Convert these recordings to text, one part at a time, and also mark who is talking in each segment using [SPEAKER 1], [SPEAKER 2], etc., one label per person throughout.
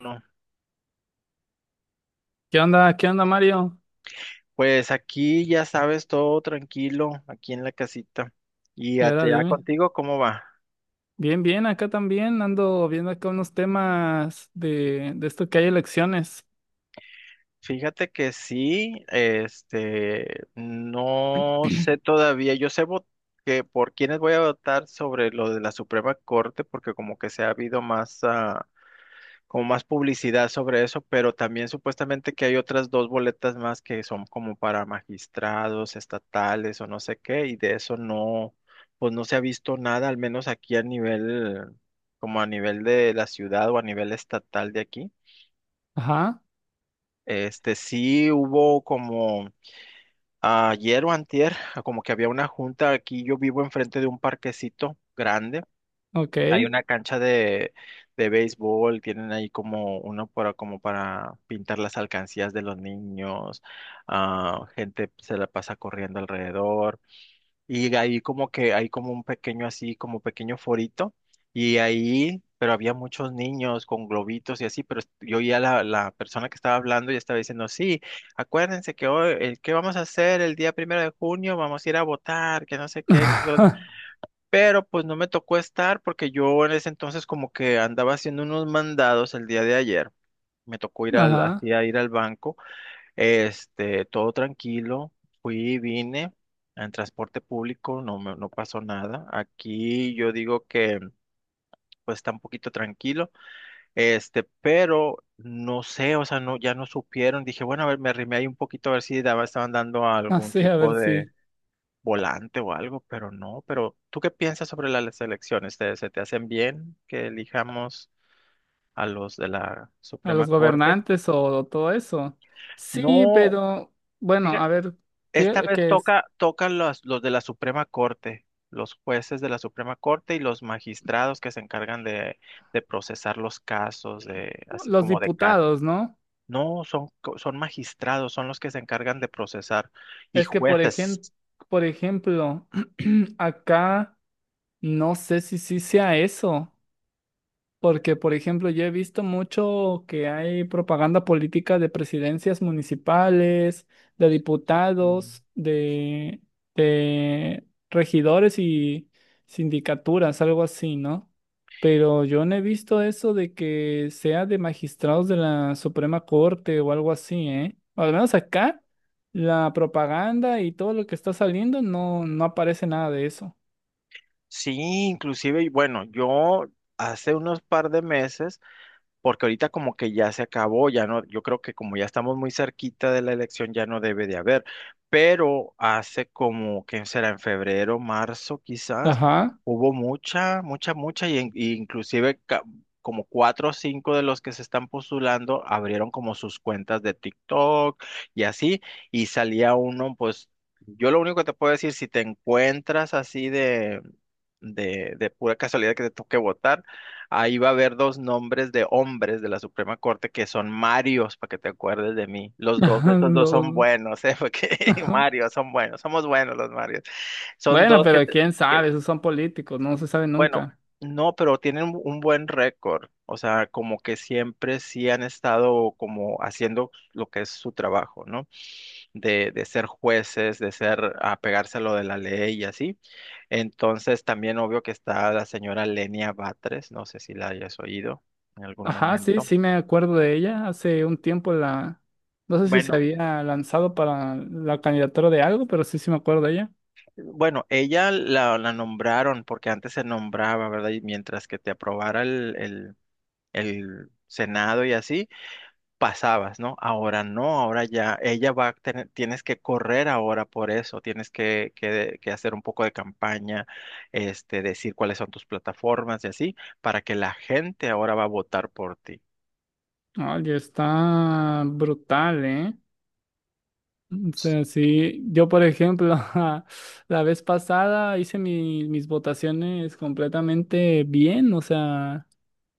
[SPEAKER 1] No,
[SPEAKER 2] ¿Qué onda? ¿Qué onda, Mario?
[SPEAKER 1] pues aquí ya sabes, todo tranquilo, aquí en la casita. Y
[SPEAKER 2] Y ahora
[SPEAKER 1] ya
[SPEAKER 2] dime.
[SPEAKER 1] contigo, ¿cómo va?
[SPEAKER 2] Bien, bien, acá también ando viendo acá unos temas de esto que hay elecciones.
[SPEAKER 1] Fíjate que sí, no sé todavía, que por quiénes voy a votar sobre lo de la Suprema Corte, porque como que se ha habido más como más publicidad sobre eso, pero también supuestamente que hay otras dos boletas más que son como para magistrados, estatales o no sé qué, y de eso no, pues no se ha visto nada, al menos aquí a nivel, como a nivel de la ciudad o a nivel estatal de aquí.
[SPEAKER 2] Ajá,
[SPEAKER 1] Este sí hubo como ayer o antier, como que había una junta aquí, yo vivo enfrente de un parquecito grande.
[SPEAKER 2] ok.
[SPEAKER 1] Hay una cancha de béisbol, tienen ahí como uno para, como para pintar las alcancías de los niños, gente se la pasa corriendo alrededor, y ahí como que hay como un pequeño así, como pequeño forito, y ahí, pero había muchos niños con globitos y así, pero yo oía la persona que estaba hablando y estaba diciendo, sí, acuérdense que hoy, el, ¿qué vamos a hacer el día primero de junio? Vamos a ir a votar, que no sé qué. Pero pues no me tocó estar porque yo en ese entonces como que andaba haciendo unos mandados el día de ayer. Me tocó ir al,
[SPEAKER 2] Ajá,
[SPEAKER 1] así a ir al banco, todo tranquilo, fui, y vine en transporte público, no pasó nada. Aquí yo digo que pues está un poquito tranquilo, pero no sé, o sea, no, ya no supieron. Dije, bueno, a ver, me arrimé ahí un poquito a ver si daba, estaban dando algún
[SPEAKER 2] así, a
[SPEAKER 1] tipo
[SPEAKER 2] ver
[SPEAKER 1] de
[SPEAKER 2] si
[SPEAKER 1] volante o algo, pero no. Pero, ¿tú qué piensas sobre las elecciones? ¿Te, se te hacen bien que elijamos a los de la
[SPEAKER 2] a
[SPEAKER 1] Suprema
[SPEAKER 2] los
[SPEAKER 1] Corte?
[SPEAKER 2] gobernantes o todo eso. Sí,
[SPEAKER 1] No,
[SPEAKER 2] pero bueno, a
[SPEAKER 1] fíjate,
[SPEAKER 2] ver,
[SPEAKER 1] esta
[SPEAKER 2] fíjate
[SPEAKER 1] vez
[SPEAKER 2] que es
[SPEAKER 1] toca los de la Suprema Corte, los jueces de la Suprema Corte y los magistrados que se encargan de procesar los casos, de, así
[SPEAKER 2] los
[SPEAKER 1] como de CAT.
[SPEAKER 2] diputados, ¿no?
[SPEAKER 1] No, son, son magistrados, son los que se encargan de procesar y
[SPEAKER 2] Es que por
[SPEAKER 1] jueces.
[SPEAKER 2] ejemplo, por ejemplo, acá no sé si sí sea eso. Porque, por ejemplo, yo he visto mucho que hay propaganda política de presidencias municipales, de diputados, de regidores y sindicaturas, algo así, ¿no? Pero yo no he visto eso de que sea de magistrados de la Suprema Corte o algo así, ¿eh? Al menos acá, la propaganda y todo lo que está saliendo no, no aparece nada de eso.
[SPEAKER 1] Sí, inclusive, bueno, yo hace unos par de meses porque ahorita como que ya se acabó, ya no, yo creo que como ya estamos muy cerquita de la elección ya no debe de haber, pero hace como, ¿que será? En febrero, marzo quizás,
[SPEAKER 2] Ajá.
[SPEAKER 1] hubo mucha, y, y inclusive como 4 o 5 de los que se están postulando abrieron como sus cuentas de TikTok y así, y salía uno, pues yo lo único que te puedo decir, si te encuentras así de... de pura casualidad que te toque votar, ahí va a haber dos nombres de hombres de la Suprema Corte que son Marios, para que te acuerdes de mí. Los dos, estos dos son
[SPEAKER 2] Lo-
[SPEAKER 1] buenos, ¿eh? Porque Marios son buenos, somos buenos los Marios. Son
[SPEAKER 2] Bueno,
[SPEAKER 1] dos que,
[SPEAKER 2] pero quién
[SPEAKER 1] que-
[SPEAKER 2] sabe, esos son políticos, no se sabe
[SPEAKER 1] bueno,
[SPEAKER 2] nunca.
[SPEAKER 1] no, pero tienen un buen récord. O sea, como que siempre sí han estado como haciendo lo que es su trabajo, ¿no? De ser jueces, de ser, apegarse a lo de la ley y así. Entonces, también obvio que está la señora Lenia Batres, no sé si la hayas oído en algún
[SPEAKER 2] Ajá, sí,
[SPEAKER 1] momento.
[SPEAKER 2] sí me acuerdo de ella. Hace un tiempo no sé si se
[SPEAKER 1] Bueno,
[SPEAKER 2] había lanzado para la candidatura de algo, pero sí, sí me acuerdo de ella.
[SPEAKER 1] bueno, ella la nombraron porque antes se nombraba, ¿verdad? Y mientras que te aprobara el Senado y así, pasabas, ¿no? Ahora no, ahora ya, ella va a tener, tienes que correr ahora por eso, tienes que hacer un poco de campaña, decir cuáles son tus plataformas y así, para que la gente ahora va a votar por ti.
[SPEAKER 2] Oye, está brutal, ¿eh? O sea, sí, yo por ejemplo, la vez pasada hice mis votaciones completamente bien, o sea,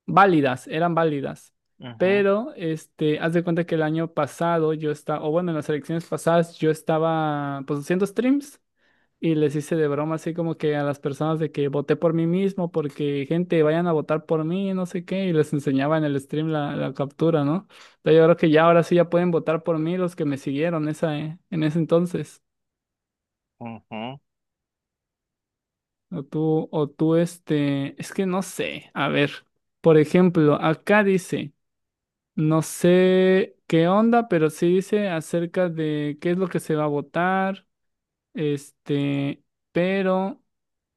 [SPEAKER 2] válidas, eran válidas.
[SPEAKER 1] Ujú.
[SPEAKER 2] Pero haz de cuenta que el año pasado yo estaba, o bueno, en las elecciones pasadas yo estaba, pues, haciendo streams y les hice de broma así como que a las personas de que voté por mí mismo porque, gente, vayan a votar por mí, no sé qué, y les enseñaba en el stream la captura, ¿no? Pero yo creo que ya ahora sí ya pueden votar por mí los que me siguieron esa, en ese entonces.
[SPEAKER 1] Ujú.
[SPEAKER 2] O tú, es que no sé, a ver, por ejemplo, acá dice... No sé qué onda, pero sí dice acerca de qué es lo que se va a votar, este, pero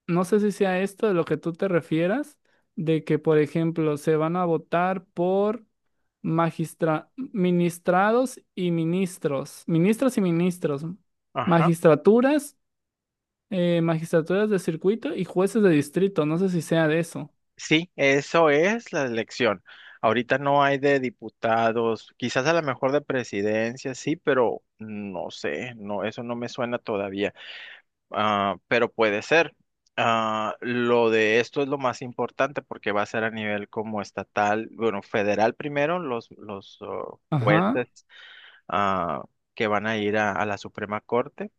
[SPEAKER 2] no sé si sea esto de lo que tú te refieras, de que, por ejemplo, se van a votar por magistra, ministrados y ministros, ministros y ministros,
[SPEAKER 1] Ajá.
[SPEAKER 2] magistraturas, magistraturas de circuito y jueces de distrito, no sé si sea de eso.
[SPEAKER 1] Sí, eso es la elección. Ahorita no hay de diputados, quizás a lo mejor de presidencia, sí, pero no sé, no, eso no me suena todavía. Ah, pero puede ser. Ah, lo de esto es lo más importante porque va a ser a nivel como estatal, bueno, federal primero, los
[SPEAKER 2] Ajá,
[SPEAKER 1] jueces ah, que van a ir a la Suprema Corte.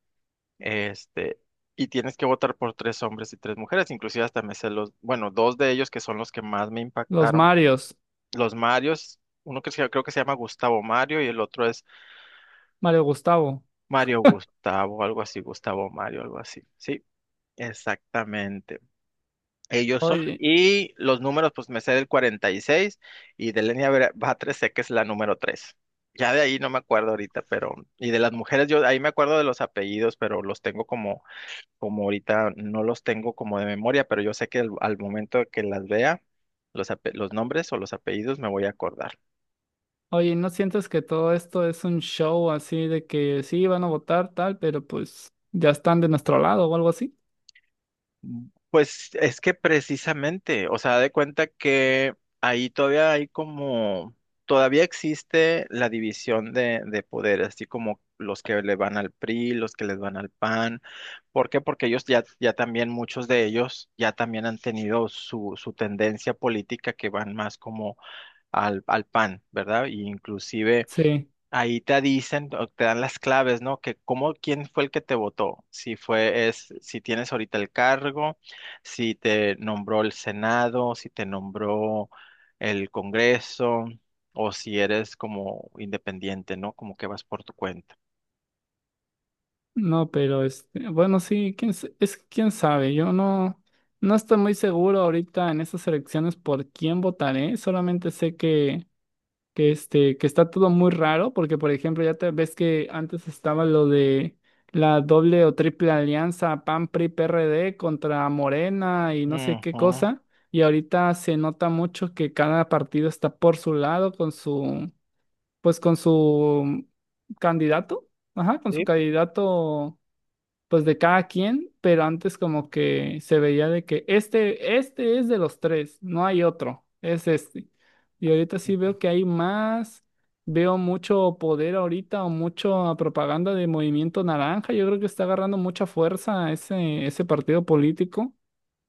[SPEAKER 1] Este, y tienes que votar por tres hombres y tres mujeres, inclusive hasta me sé los, bueno, dos de ellos que son los que más me
[SPEAKER 2] los
[SPEAKER 1] impactaron,
[SPEAKER 2] Marios,
[SPEAKER 1] los Marios, uno que creo que se llama Gustavo Mario y el otro es
[SPEAKER 2] Mario Gustavo.
[SPEAKER 1] Mario Gustavo, algo así, Gustavo Mario, algo así, sí, exactamente. Ellos son,
[SPEAKER 2] Oye.
[SPEAKER 1] y los números, pues me sé del 46 y de Batres sé que es la número 3. Ya de ahí no me acuerdo ahorita, pero, y de las mujeres, yo ahí me acuerdo de los apellidos, pero los tengo como como ahorita no los tengo como de memoria, pero yo sé que al momento que las vea, los, los nombres o los apellidos me voy a acordar.
[SPEAKER 2] Oye, ¿no sientes que todo esto es un show así de que sí van a votar tal, pero pues ya están de nuestro lado o algo así?
[SPEAKER 1] Mm, pues es que precisamente, o sea, de cuenta que ahí todavía hay como, todavía existe la división de poderes, así como los que le van al PRI, los que les van al PAN. ¿Por qué? Porque ellos ya, ya también, muchos de ellos ya también han tenido su, su tendencia política que van más como al, al pan, ¿verdad? Y inclusive
[SPEAKER 2] Sí,
[SPEAKER 1] ahí te dicen, o te dan las claves, ¿no? Que cómo, quién fue el que te votó, si fue, es, si tienes ahorita el cargo, si te nombró el Senado, si te nombró el Congreso, o si eres como independiente, ¿no? Como que vas por tu cuenta.
[SPEAKER 2] no, pero bueno, sí, es que quién sabe, yo no, no estoy muy seguro ahorita en estas elecciones por quién votaré, solamente sé que que está todo muy raro, porque por ejemplo, ya te ves que antes estaba lo de la doble o triple alianza PAN PRI PRD contra Morena y no sé qué
[SPEAKER 1] Ujú.
[SPEAKER 2] cosa, y ahorita se nota mucho que cada partido está por su lado con su pues con su candidato, ajá, con su
[SPEAKER 1] Sí.
[SPEAKER 2] candidato pues de cada quien, pero antes como que se veía de que este es de los tres, no hay otro, es este. Y ahorita sí veo que hay más, veo mucho poder ahorita o mucha propaganda de Movimiento Naranja, yo creo que está agarrando mucha fuerza ese partido político.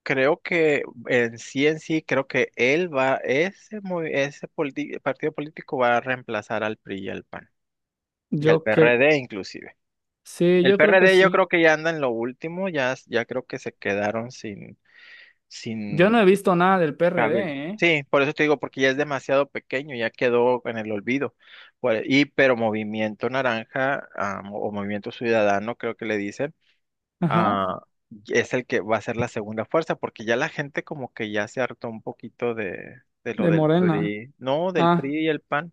[SPEAKER 1] Creo que en sí, creo que él va, ese, partido político va a reemplazar al PRI y al PAN. Y el
[SPEAKER 2] Yo creo,
[SPEAKER 1] PRD inclusive.
[SPEAKER 2] sí,
[SPEAKER 1] El
[SPEAKER 2] yo creo que
[SPEAKER 1] PRD yo creo
[SPEAKER 2] sí.
[SPEAKER 1] que ya anda en lo último, ya, ya creo que se quedaron sin,
[SPEAKER 2] Yo no
[SPEAKER 1] sin
[SPEAKER 2] he visto nada del
[SPEAKER 1] cabel.
[SPEAKER 2] PRD, ¿eh?
[SPEAKER 1] Sí, por eso te digo, porque ya es demasiado pequeño, ya quedó en el olvido. Y pero Movimiento Naranja o Movimiento Ciudadano, creo que le dicen,
[SPEAKER 2] Ajá,
[SPEAKER 1] ah, es el que va a ser la segunda fuerza, porque ya la gente como que ya se hartó un poquito de lo
[SPEAKER 2] de
[SPEAKER 1] del
[SPEAKER 2] Morena.
[SPEAKER 1] PRI, no, del
[SPEAKER 2] Ah,
[SPEAKER 1] PRI y el PAN.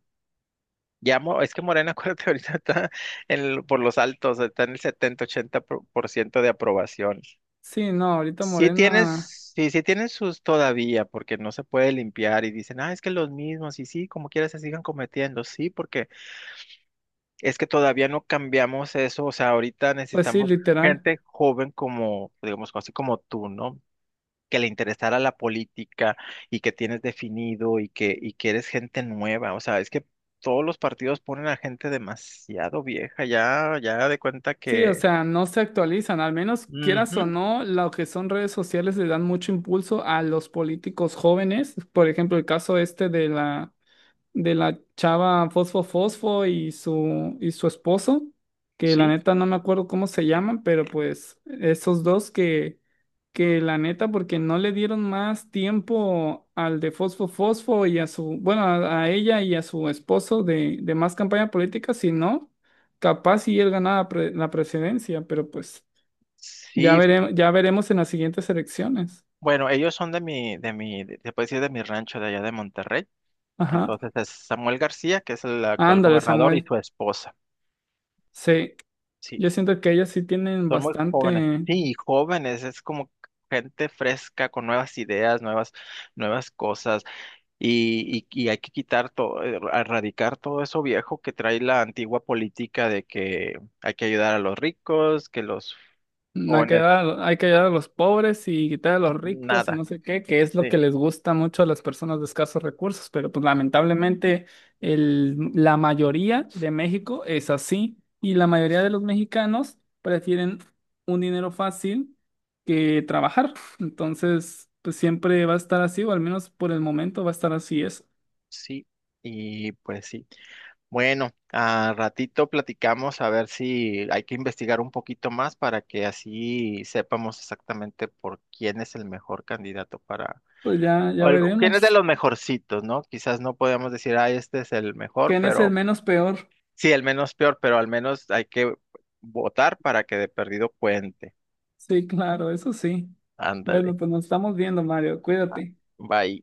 [SPEAKER 1] Ya, es que Morena, acuérdate, ahorita está por los altos, está en el 70 80 por ciento de aprobación.
[SPEAKER 2] sí, no, ahorita
[SPEAKER 1] Sí
[SPEAKER 2] Morena,
[SPEAKER 1] tienes, sí, sí tienen sus todavía, porque no se puede limpiar y dicen, ah, es que los mismos, y sí, como quieras se sigan cometiendo, sí, porque es que todavía no cambiamos eso, o sea, ahorita
[SPEAKER 2] pues sí,
[SPEAKER 1] necesitamos
[SPEAKER 2] literal.
[SPEAKER 1] gente joven como, digamos, así como tú, ¿no? Que le interesara la política y que tienes definido y que eres gente nueva. O sea, es que todos los partidos ponen a gente demasiado vieja, ya, ya de cuenta
[SPEAKER 2] Sí, o
[SPEAKER 1] que...
[SPEAKER 2] sea, no se actualizan, al menos quieras o
[SPEAKER 1] Ujú,
[SPEAKER 2] no, lo que son redes sociales le dan mucho impulso a los políticos jóvenes, por ejemplo, el caso este de la chava Fosfo Fosfo y y su esposo, que la
[SPEAKER 1] sí,
[SPEAKER 2] neta no me acuerdo cómo se llaman, pero pues esos dos que la neta, porque no le dieron más tiempo al de Fosfo Fosfo y a su, bueno, a ella y a su esposo de más campaña política, si no, capaz si él ganaba la presidencia, pero pues
[SPEAKER 1] sí.
[SPEAKER 2] ya veremos en las siguientes elecciones.
[SPEAKER 1] Bueno, ellos son de mi, se puede decir de mi rancho de allá de Monterrey.
[SPEAKER 2] Ajá.
[SPEAKER 1] Entonces es Samuel García, que es el actual
[SPEAKER 2] Ándale,
[SPEAKER 1] gobernador, y
[SPEAKER 2] Samuel.
[SPEAKER 1] su esposa.
[SPEAKER 2] Sí.
[SPEAKER 1] Sí,
[SPEAKER 2] Yo siento que ellas sí tienen
[SPEAKER 1] son muy jóvenes.
[SPEAKER 2] bastante.
[SPEAKER 1] Sí, jóvenes, es como gente fresca, con nuevas ideas, nuevas, nuevas cosas. Y hay que quitar todo, erradicar todo eso viejo que trae la antigua política de que hay que ayudar a los ricos, que los
[SPEAKER 2] Hay que
[SPEAKER 1] jóvenes,
[SPEAKER 2] dar, hay que ayudar a los pobres y quitar a los ricos y
[SPEAKER 1] nada.
[SPEAKER 2] no sé qué, que es lo
[SPEAKER 1] Sí.
[SPEAKER 2] que les gusta mucho a las personas de escasos recursos, pero pues lamentablemente la mayoría de México es así y la mayoría de los mexicanos prefieren un dinero fácil que trabajar. Entonces, pues siempre va a estar así, o al menos por el momento va a estar así eso.
[SPEAKER 1] Sí, y pues sí. Bueno, a ratito platicamos a ver si hay que investigar un poquito más para que así sepamos exactamente por quién es el mejor candidato para,
[SPEAKER 2] Pues ya, ya
[SPEAKER 1] quién es de
[SPEAKER 2] veremos.
[SPEAKER 1] los mejorcitos, ¿no? Quizás no podemos decir, ah, este es el mejor,
[SPEAKER 2] ¿Quién es el
[SPEAKER 1] pero
[SPEAKER 2] menos peor?
[SPEAKER 1] sí, el menos peor, pero al menos hay que votar para que de perdido cuente.
[SPEAKER 2] Sí, claro, eso sí.
[SPEAKER 1] Ándale,
[SPEAKER 2] Bueno, pues nos estamos viendo, Mario. Cuídate.
[SPEAKER 1] bye.